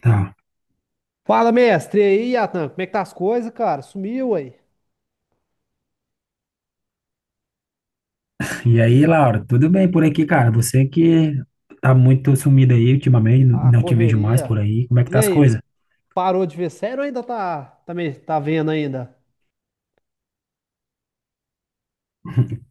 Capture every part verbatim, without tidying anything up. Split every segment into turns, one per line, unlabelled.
Tá.
Fala, mestre. E aí, Atan, como é que tá as coisas, cara? Sumiu aí?
E aí, Laura, tudo bem por aqui, cara? Você que tá muito sumida aí ultimamente,
A
não te vejo mais
correria.
por aí. Como é que
E
tá as
aí,
coisas?
parou de ver sério ou ainda tá, tá, meio, tá vendo ainda?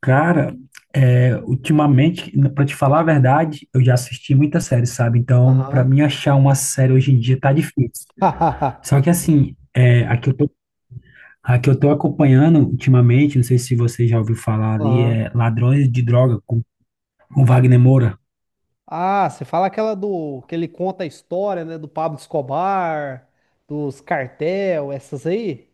Cara, é, ultimamente, pra te falar a verdade, eu já assisti muita série, sabe? Então, pra
Aham.
mim achar uma série hoje em dia tá difícil. Só que assim, é, a que eu tô, a que eu tô acompanhando ultimamente, não sei se você já ouviu falar ali,
Aham.
é Ladrões de Droga com, com Wagner Moura.
Ah, você fala aquela do, que ele conta a história, né, do Pablo Escobar, dos cartel, essas aí?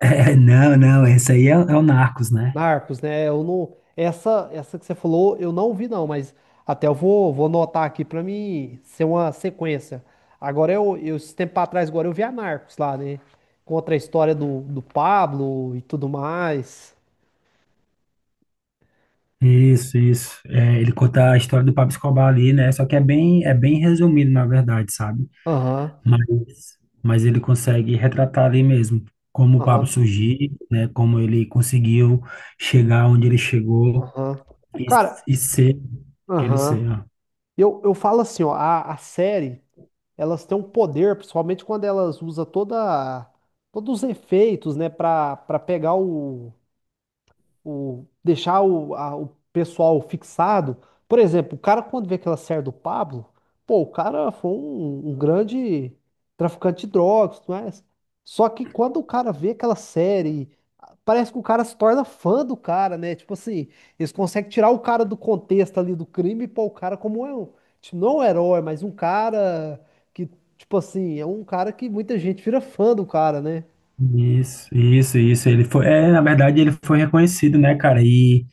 É, não, não, esse aí é, é o Narcos, né?
Narcos, né? Eu não, essa, essa que você falou, eu não vi não, mas até eu vou, vou anotar aqui pra mim ser uma sequência. Agora eu, eu esse tempo pra trás agora eu vi a Narcos lá, né? Contra a história do, do Pablo e tudo mais.
Isso, isso. É, ele conta a história do Pablo Escobar ali, né? Só que é bem, é bem resumido, na verdade, sabe?
Aham,
Mas, mas ele consegue retratar ali mesmo como o Pablo
aham,
surgiu, né? Como ele conseguiu chegar onde ele chegou
aham.
e,
Cara,
e ser aquele ser,
aham.
ó.
Eu, eu falo assim, ó, a, a série, elas têm um poder, principalmente quando elas usam toda, todos os efeitos, né, pra, pra pegar o o deixar o, a- o pessoal fixado. Por exemplo, o cara quando vê aquela série do Pablo, pô, o cara foi um, um grande traficante de drogas, não é? Só que quando o cara vê aquela série, parece que o cara se torna fã do cara, né? Tipo assim, eles conseguem tirar o cara do contexto ali do crime e pôr o cara como é um, tipo, não um herói, mas um cara que, tipo assim, é um cara que muita gente vira fã do cara, né?
Isso, isso, isso. Ele foi, é, na verdade, ele foi reconhecido, né, cara? E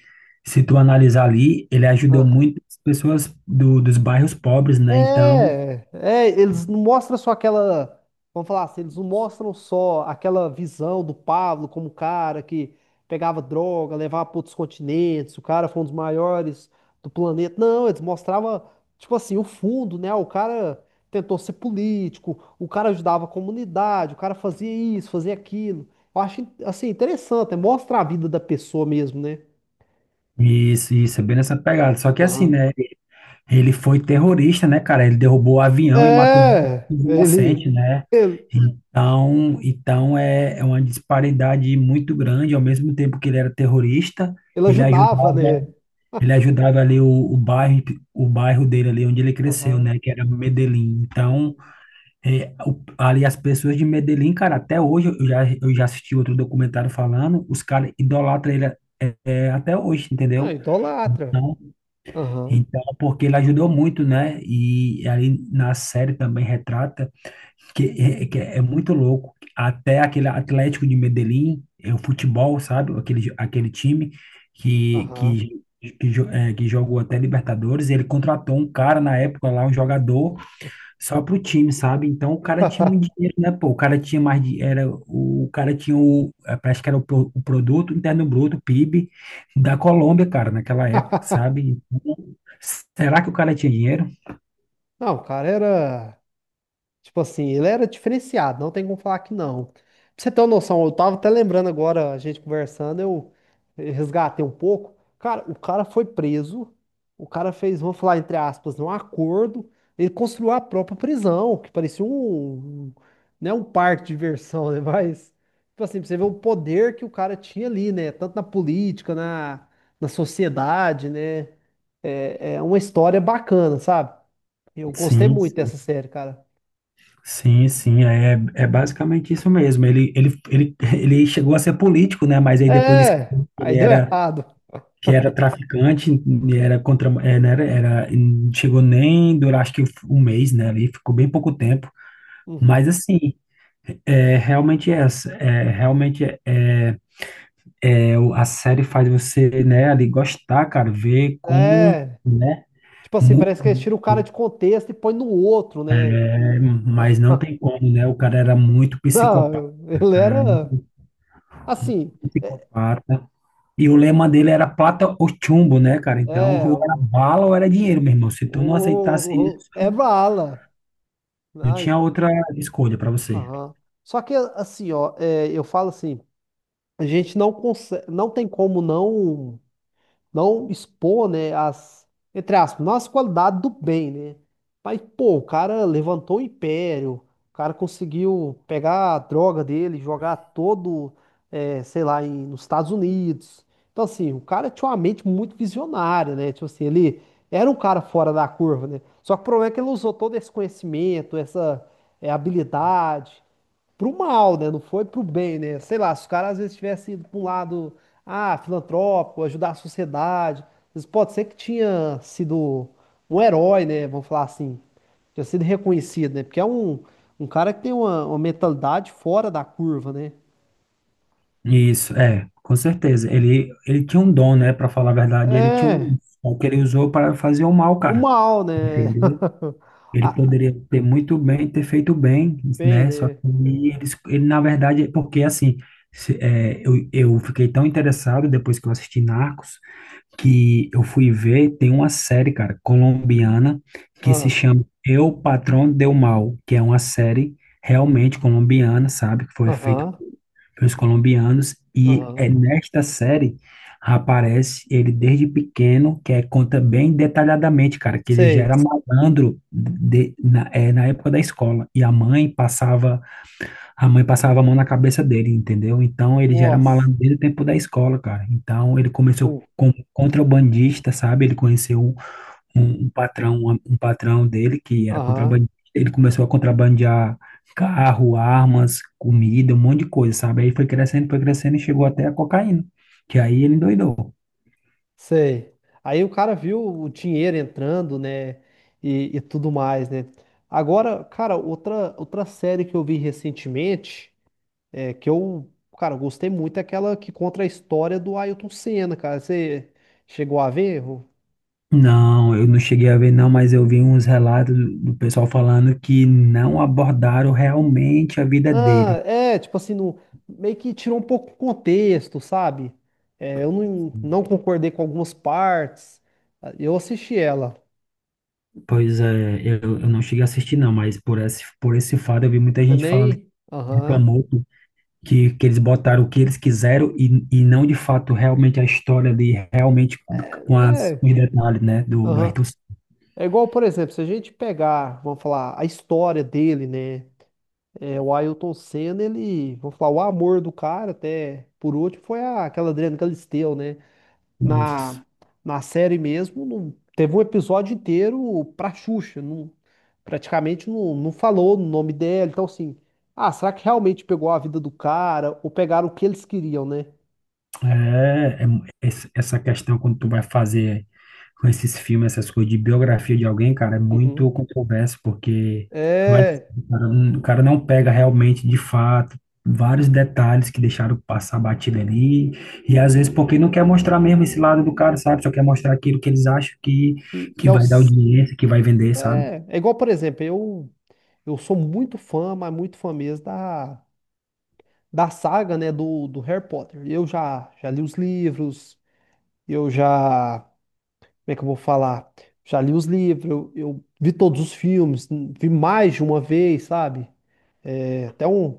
se tu analisar ali, ele ajudou muitas pessoas do, dos bairros pobres, né? Então,
É, é, eles não mostram só aquela, vamos falar assim, eles não mostram só aquela visão do Pablo como o cara que pegava droga, levava para outros continentes, o cara foi um dos maiores do planeta. Não, eles mostravam, tipo assim, o fundo, né? O cara tentou ser político, o cara ajudava a comunidade, o cara fazia isso, fazia aquilo. Eu acho, assim, interessante, né? Mostra a vida da pessoa mesmo, né?
isso, isso, é bem nessa pegada. Só que assim,
Aham.
né? Ele foi terrorista, né, cara? Ele derrubou o avião e matou muitos
É, ele,
inocentes, né?
ele,
Então, então é, é uma disparidade muito grande. Ao mesmo tempo que ele era terrorista,
ele
ele
ajudava,
ajudava,
né?
ele ajudava ali o, o bairro, o bairro dele ali onde ele cresceu,
Aham.
né? Que era Medellín. Então, é, o- ali as pessoas de Medellín, cara, até hoje eu já, eu já assisti outro documentário falando, os caras idolatram ele é, é, até hoje,
Ah,
entendeu?
idolatra.
Então,
Aham.
então, porque ele ajudou muito, né? E ali na série também retrata que é, que é muito louco. Até aquele Atlético de Medellín, é o futebol, sabe? Aquele, aquele time que,
Aham.
que, que, jo- é, que jogou até Libertadores. Ele contratou um cara na época lá, um jogador, só pro time, sabe? Então o cara tinha muito dinheiro, né? Pô, o cara tinha mais de, era o, o cara tinha o, eh, parece que era o, pro- o produto interno bruto, P I B da Colômbia, cara, naquela época, sabe? Então, será que o cara tinha dinheiro?
Não, o cara era. Tipo assim, ele era diferenciado, não tem como falar que não. Pra você ter uma noção, eu tava até lembrando agora, a gente conversando, eu resgatei um pouco. Cara, o cara foi preso, o cara fez, vamos falar entre aspas, um acordo, ele construiu a própria prisão, que parecia um, um, né, um parque de diversão, né? Mas, tipo assim, pra você ver o poder que o cara tinha ali, né? Tanto na política, na, na sociedade, né? É, é uma história bacana, sabe? Eu gostei
Sim,
muito
sim,
dessa série, cara.
sim, sim, é, é basicamente isso mesmo. Ele, ele, ele, ele chegou a ser político, né? Mas aí depois disse que
É, aí
ele
deu
era,
errado.
que era traficante, e era contra, é, né? era, era- não chegou nem durar acho que um mês, né? Ali ficou bem pouco tempo. Mas
Uhum.
assim, é realmente é essa, é realmente é, é, é, o- a série faz você, né, ali gostar, cara, ver como,
É,
né,
tipo assim,
muda,
parece que eles tiram o cara de contexto e põe no outro, né?
né, mas não tem como, né, o cara era muito
Não,
psicopata,
eu-
o
ele
cara era
era
muito
assim, é,
psicopata, e o lema dele era plata ou chumbo, né, cara, então
é,
ou era
o,
bala ou era dinheiro, meu irmão, se tu não aceitasse
o, o- é
isso,
bala.
não
Mas,
tinha outra escolha para você.
aham. Só que assim, ó, é, eu falo assim, a gente não consegue, não tem como não. Não expor, né, as, entre aspas, não as qualidades do bem, né? Mas, pô, o cara levantou o império, o cara conseguiu pegar a droga dele, jogar todo, eh, sei lá, em, nos Estados Unidos. Então, assim, o cara tinha uma mente muito visionária, né? Tipo assim, ele era um cara fora da curva, né? Só que o problema é que ele usou todo esse conhecimento, essa, eh, habilidade pro mal, né? Não foi pro bem, né? Sei lá, se os caras às vezes tivessem ido pra um lado, ah, filantrópico, ajudar a sociedade, às pode ser que tinha sido um herói, né? Vamos falar assim, tinha sido reconhecido, né? Porque é um, um cara que tem uma, uma mentalidade fora da curva, né?
Isso, é, com certeza, ele, ele tinha um dom, né, para falar a verdade, ele tinha um
É,
dom, só que ele usou para fazer o mal,
o
cara.
mal, né?
Entendeu? Ele
Ah,
poderia ter muito bem, ter feito bem,
bem,
né? Só que
né?
eles, ele, na verdade, é porque assim, se- é, eu, eu fiquei tão interessado depois que eu assisti Narcos, que eu fui ver, tem uma série, cara, colombiana, que se
Ah,
chama Eu, Patrão del Mal, que é uma série realmente colombiana, sabe? Que foi feita
aham,
pelos colombianos, e
aham,
é nesta série aparece ele desde pequeno, que é, conta bem detalhadamente, cara, que ele já era
sei.
malandro de, na, é, na época da escola, e a mãe passava a mãe passava a mão na cabeça dele, entendeu? Então ele já era
Nossa,
malandro desde o tempo da escola, cara. Então ele começou
uh,
como contrabandista, sabe? Ele conheceu um, um um patrão, um um patrão dele que era
aham.
contrabandista. Ele começou a contrabandear carro, armas, comida, um monte de coisa, sabe? Aí foi crescendo, foi crescendo e chegou até a cocaína, que aí ele endoidou.
Sei. Aí o cara viu o dinheiro entrando, né? E, e tudo mais, né? Agora, cara, outra, outra série que eu vi recentemente, é, que eu, cara, eu gostei muito, é aquela que conta a história do Ayrton Senna, cara. Você chegou a ver?
Não, eu não cheguei a ver, não, mas eu vi uns relatos do do pessoal falando que não abordaram realmente a vida dele.
Ah, é, tipo assim, no, meio que tirou um pouco o contexto, sabe? É, eu não, não concordei com algumas partes. Eu assisti ela.
Pois é, eu, eu não cheguei a assistir não, mas por esse, por esse fato eu vi muita
Você
gente falando que
nem. Aham.
reclamou que, que, que eles botaram o que eles quiseram e, e não de fato realmente a história ali, realmente com as,
É.
com os detalhes, né, do, do
Aham.
Ayrton
É igual, por exemplo, se a gente pegar, vamos falar, a história dele, né? É, o Ayrton Senna, ele, vamos falar, o amor do cara, até por último, foi a- aquela Adriana Galisteu, né?
Senna.
Na, na série mesmo, não- teve um episódio inteiro pra Xuxa, não- praticamente não, não falou no nome dela. Então, assim, ah, será que realmente pegou a vida do cara ou pegaram o que eles queriam, né?
É, é mu- esse- essa questão quando tu vai fazer com esses filmes, essas coisas de biografia de alguém, cara, é
Uhum.
muito controverso, porque vai,
É,
o cara, não- o cara não pega realmente, de fato, vários detalhes que deixaram passar batido ali, e às vezes porque não quer mostrar mesmo esse lado do cara, sabe? Só quer mostrar aquilo que eles acham que,
que, que
que
é, o,
vai dar audiência, que vai vender, sabe?
é, é igual, por exemplo, eu. Eu sou muito fã, mas muito fã mesmo da, da saga, né, do, do Harry Potter. Eu já, já li os livros, eu já, como é que eu vou falar? Já li os livros, eu, eu vi todos os filmes, n- vi mais de uma vez, sabe? É até um,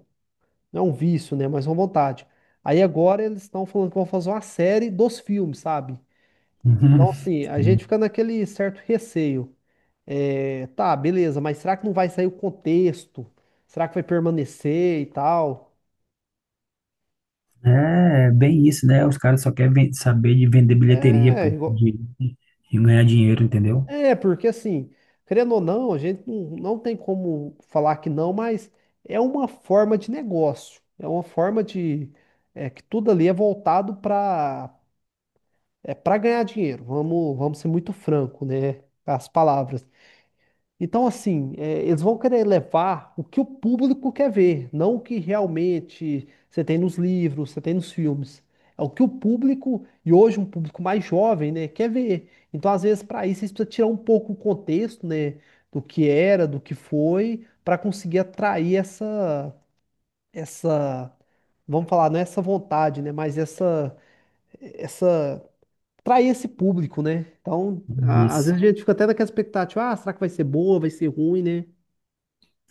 não é um vício, né, mas é uma vontade. Aí agora eles estão falando que vão fazer uma série dos filmes, sabe?
Uhum.
Então, assim, a gente
Sim.
fica naquele certo receio. É, tá, beleza, mas será que não vai sair o contexto? Será que vai permanecer e tal?
É, bem isso, né? Os caras só querem ven- saber de vender bilheteria,
É,
pô,
igual-
de, de ganhar dinheiro, entendeu?
é, porque assim, querendo ou não, a gente não, não tem como falar que não, mas é uma forma de negócio, é uma forma de, é, que tudo ali é voltado para é, para ganhar dinheiro, vamos, vamos ser muito franco, né, com as palavras. Então, assim, é, eles vão querer levar o que o público quer ver, não o que realmente você tem nos livros, você tem nos filmes. É o que o público, e hoje um público mais jovem, né, quer ver. Então, às vezes, para isso, você precisa tirar um pouco o contexto, né, do que era, do que foi, para conseguir atrair essa, essa, vamos falar, não é essa vontade, né, mas essa, essa, atrair esse público, né? Então, a- às
Isso.
vezes a gente fica até naquela expectativa, ah, será que vai ser boa, vai ser ruim, né?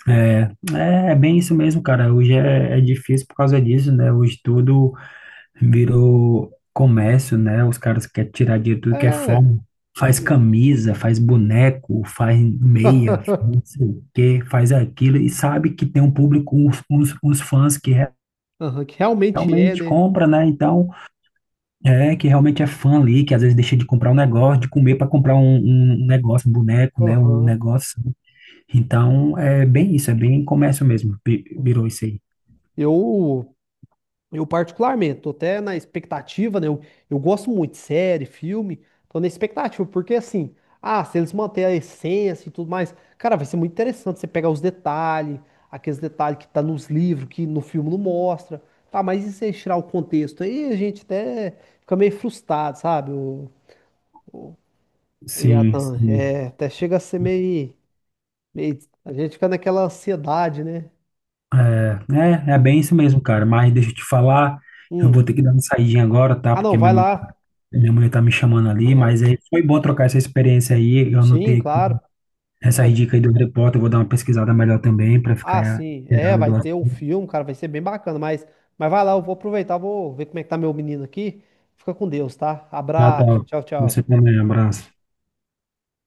É, é é bem isso mesmo, cara. Hoje é, é difícil por causa disso, né? Hoje tudo virou comércio, né? Os caras querem tirar dinheiro de tudo que é forma.
É.
Faz camisa, faz boneco, faz meia, faz não sei o quê, faz aquilo e sabe que tem um público, uns, uns, uns fãs que re-
Aham, que realmente é,
realmente
né?
compra, né? Então, é que realmente é fã ali, que às vezes deixa de comprar um negócio, de comer para comprar um, um um negócio, um boneco, né? Um
Aham.
negócio. Então, é bem isso, é bem comércio mesmo, vi-
Uhum.
virou isso aí.
Eu, eu particularmente, tô até na expectativa, né? Eu, eu gosto muito de série, filme, tô na expectativa, porque assim, ah, se eles manterem a essência e tudo mais, cara, vai ser muito interessante você pegar os detalhes, aqueles detalhes que tá nos livros, que no filme não mostra, tá? Mas e se eles tirar o contexto? Aí a gente até fica meio frustrado, sabe? O, o
Sim,
Yatan,
sim.
é, até chega a ser meio. meio- a gente fica naquela ansiedade, né?
É, é, é bem isso mesmo, cara. Mas deixa eu te falar, eu vou
Hum.
ter que dar uma saidinha agora, tá?
Ah, não,
Porque minha
vai
mãe,
lá.
minha mulher tá me chamando ali,
Aham.
mas aí foi bom trocar essa experiência aí. Eu
Sim,
anotei aqui
claro. Só
essas
que-
dicas aí do repórter, eu vou dar uma pesquisada melhor também para
Ah,
ficar
sim. É,
inteirado
vai
do
ter um
assunto.
filme, cara, vai ser bem bacana, mas, mas vai lá, eu vou aproveitar, vou ver como é que tá meu menino aqui. Fica com Deus, tá?
Ah, tá.
Abraço. Tchau,
Você
tchau.
também, um abraço.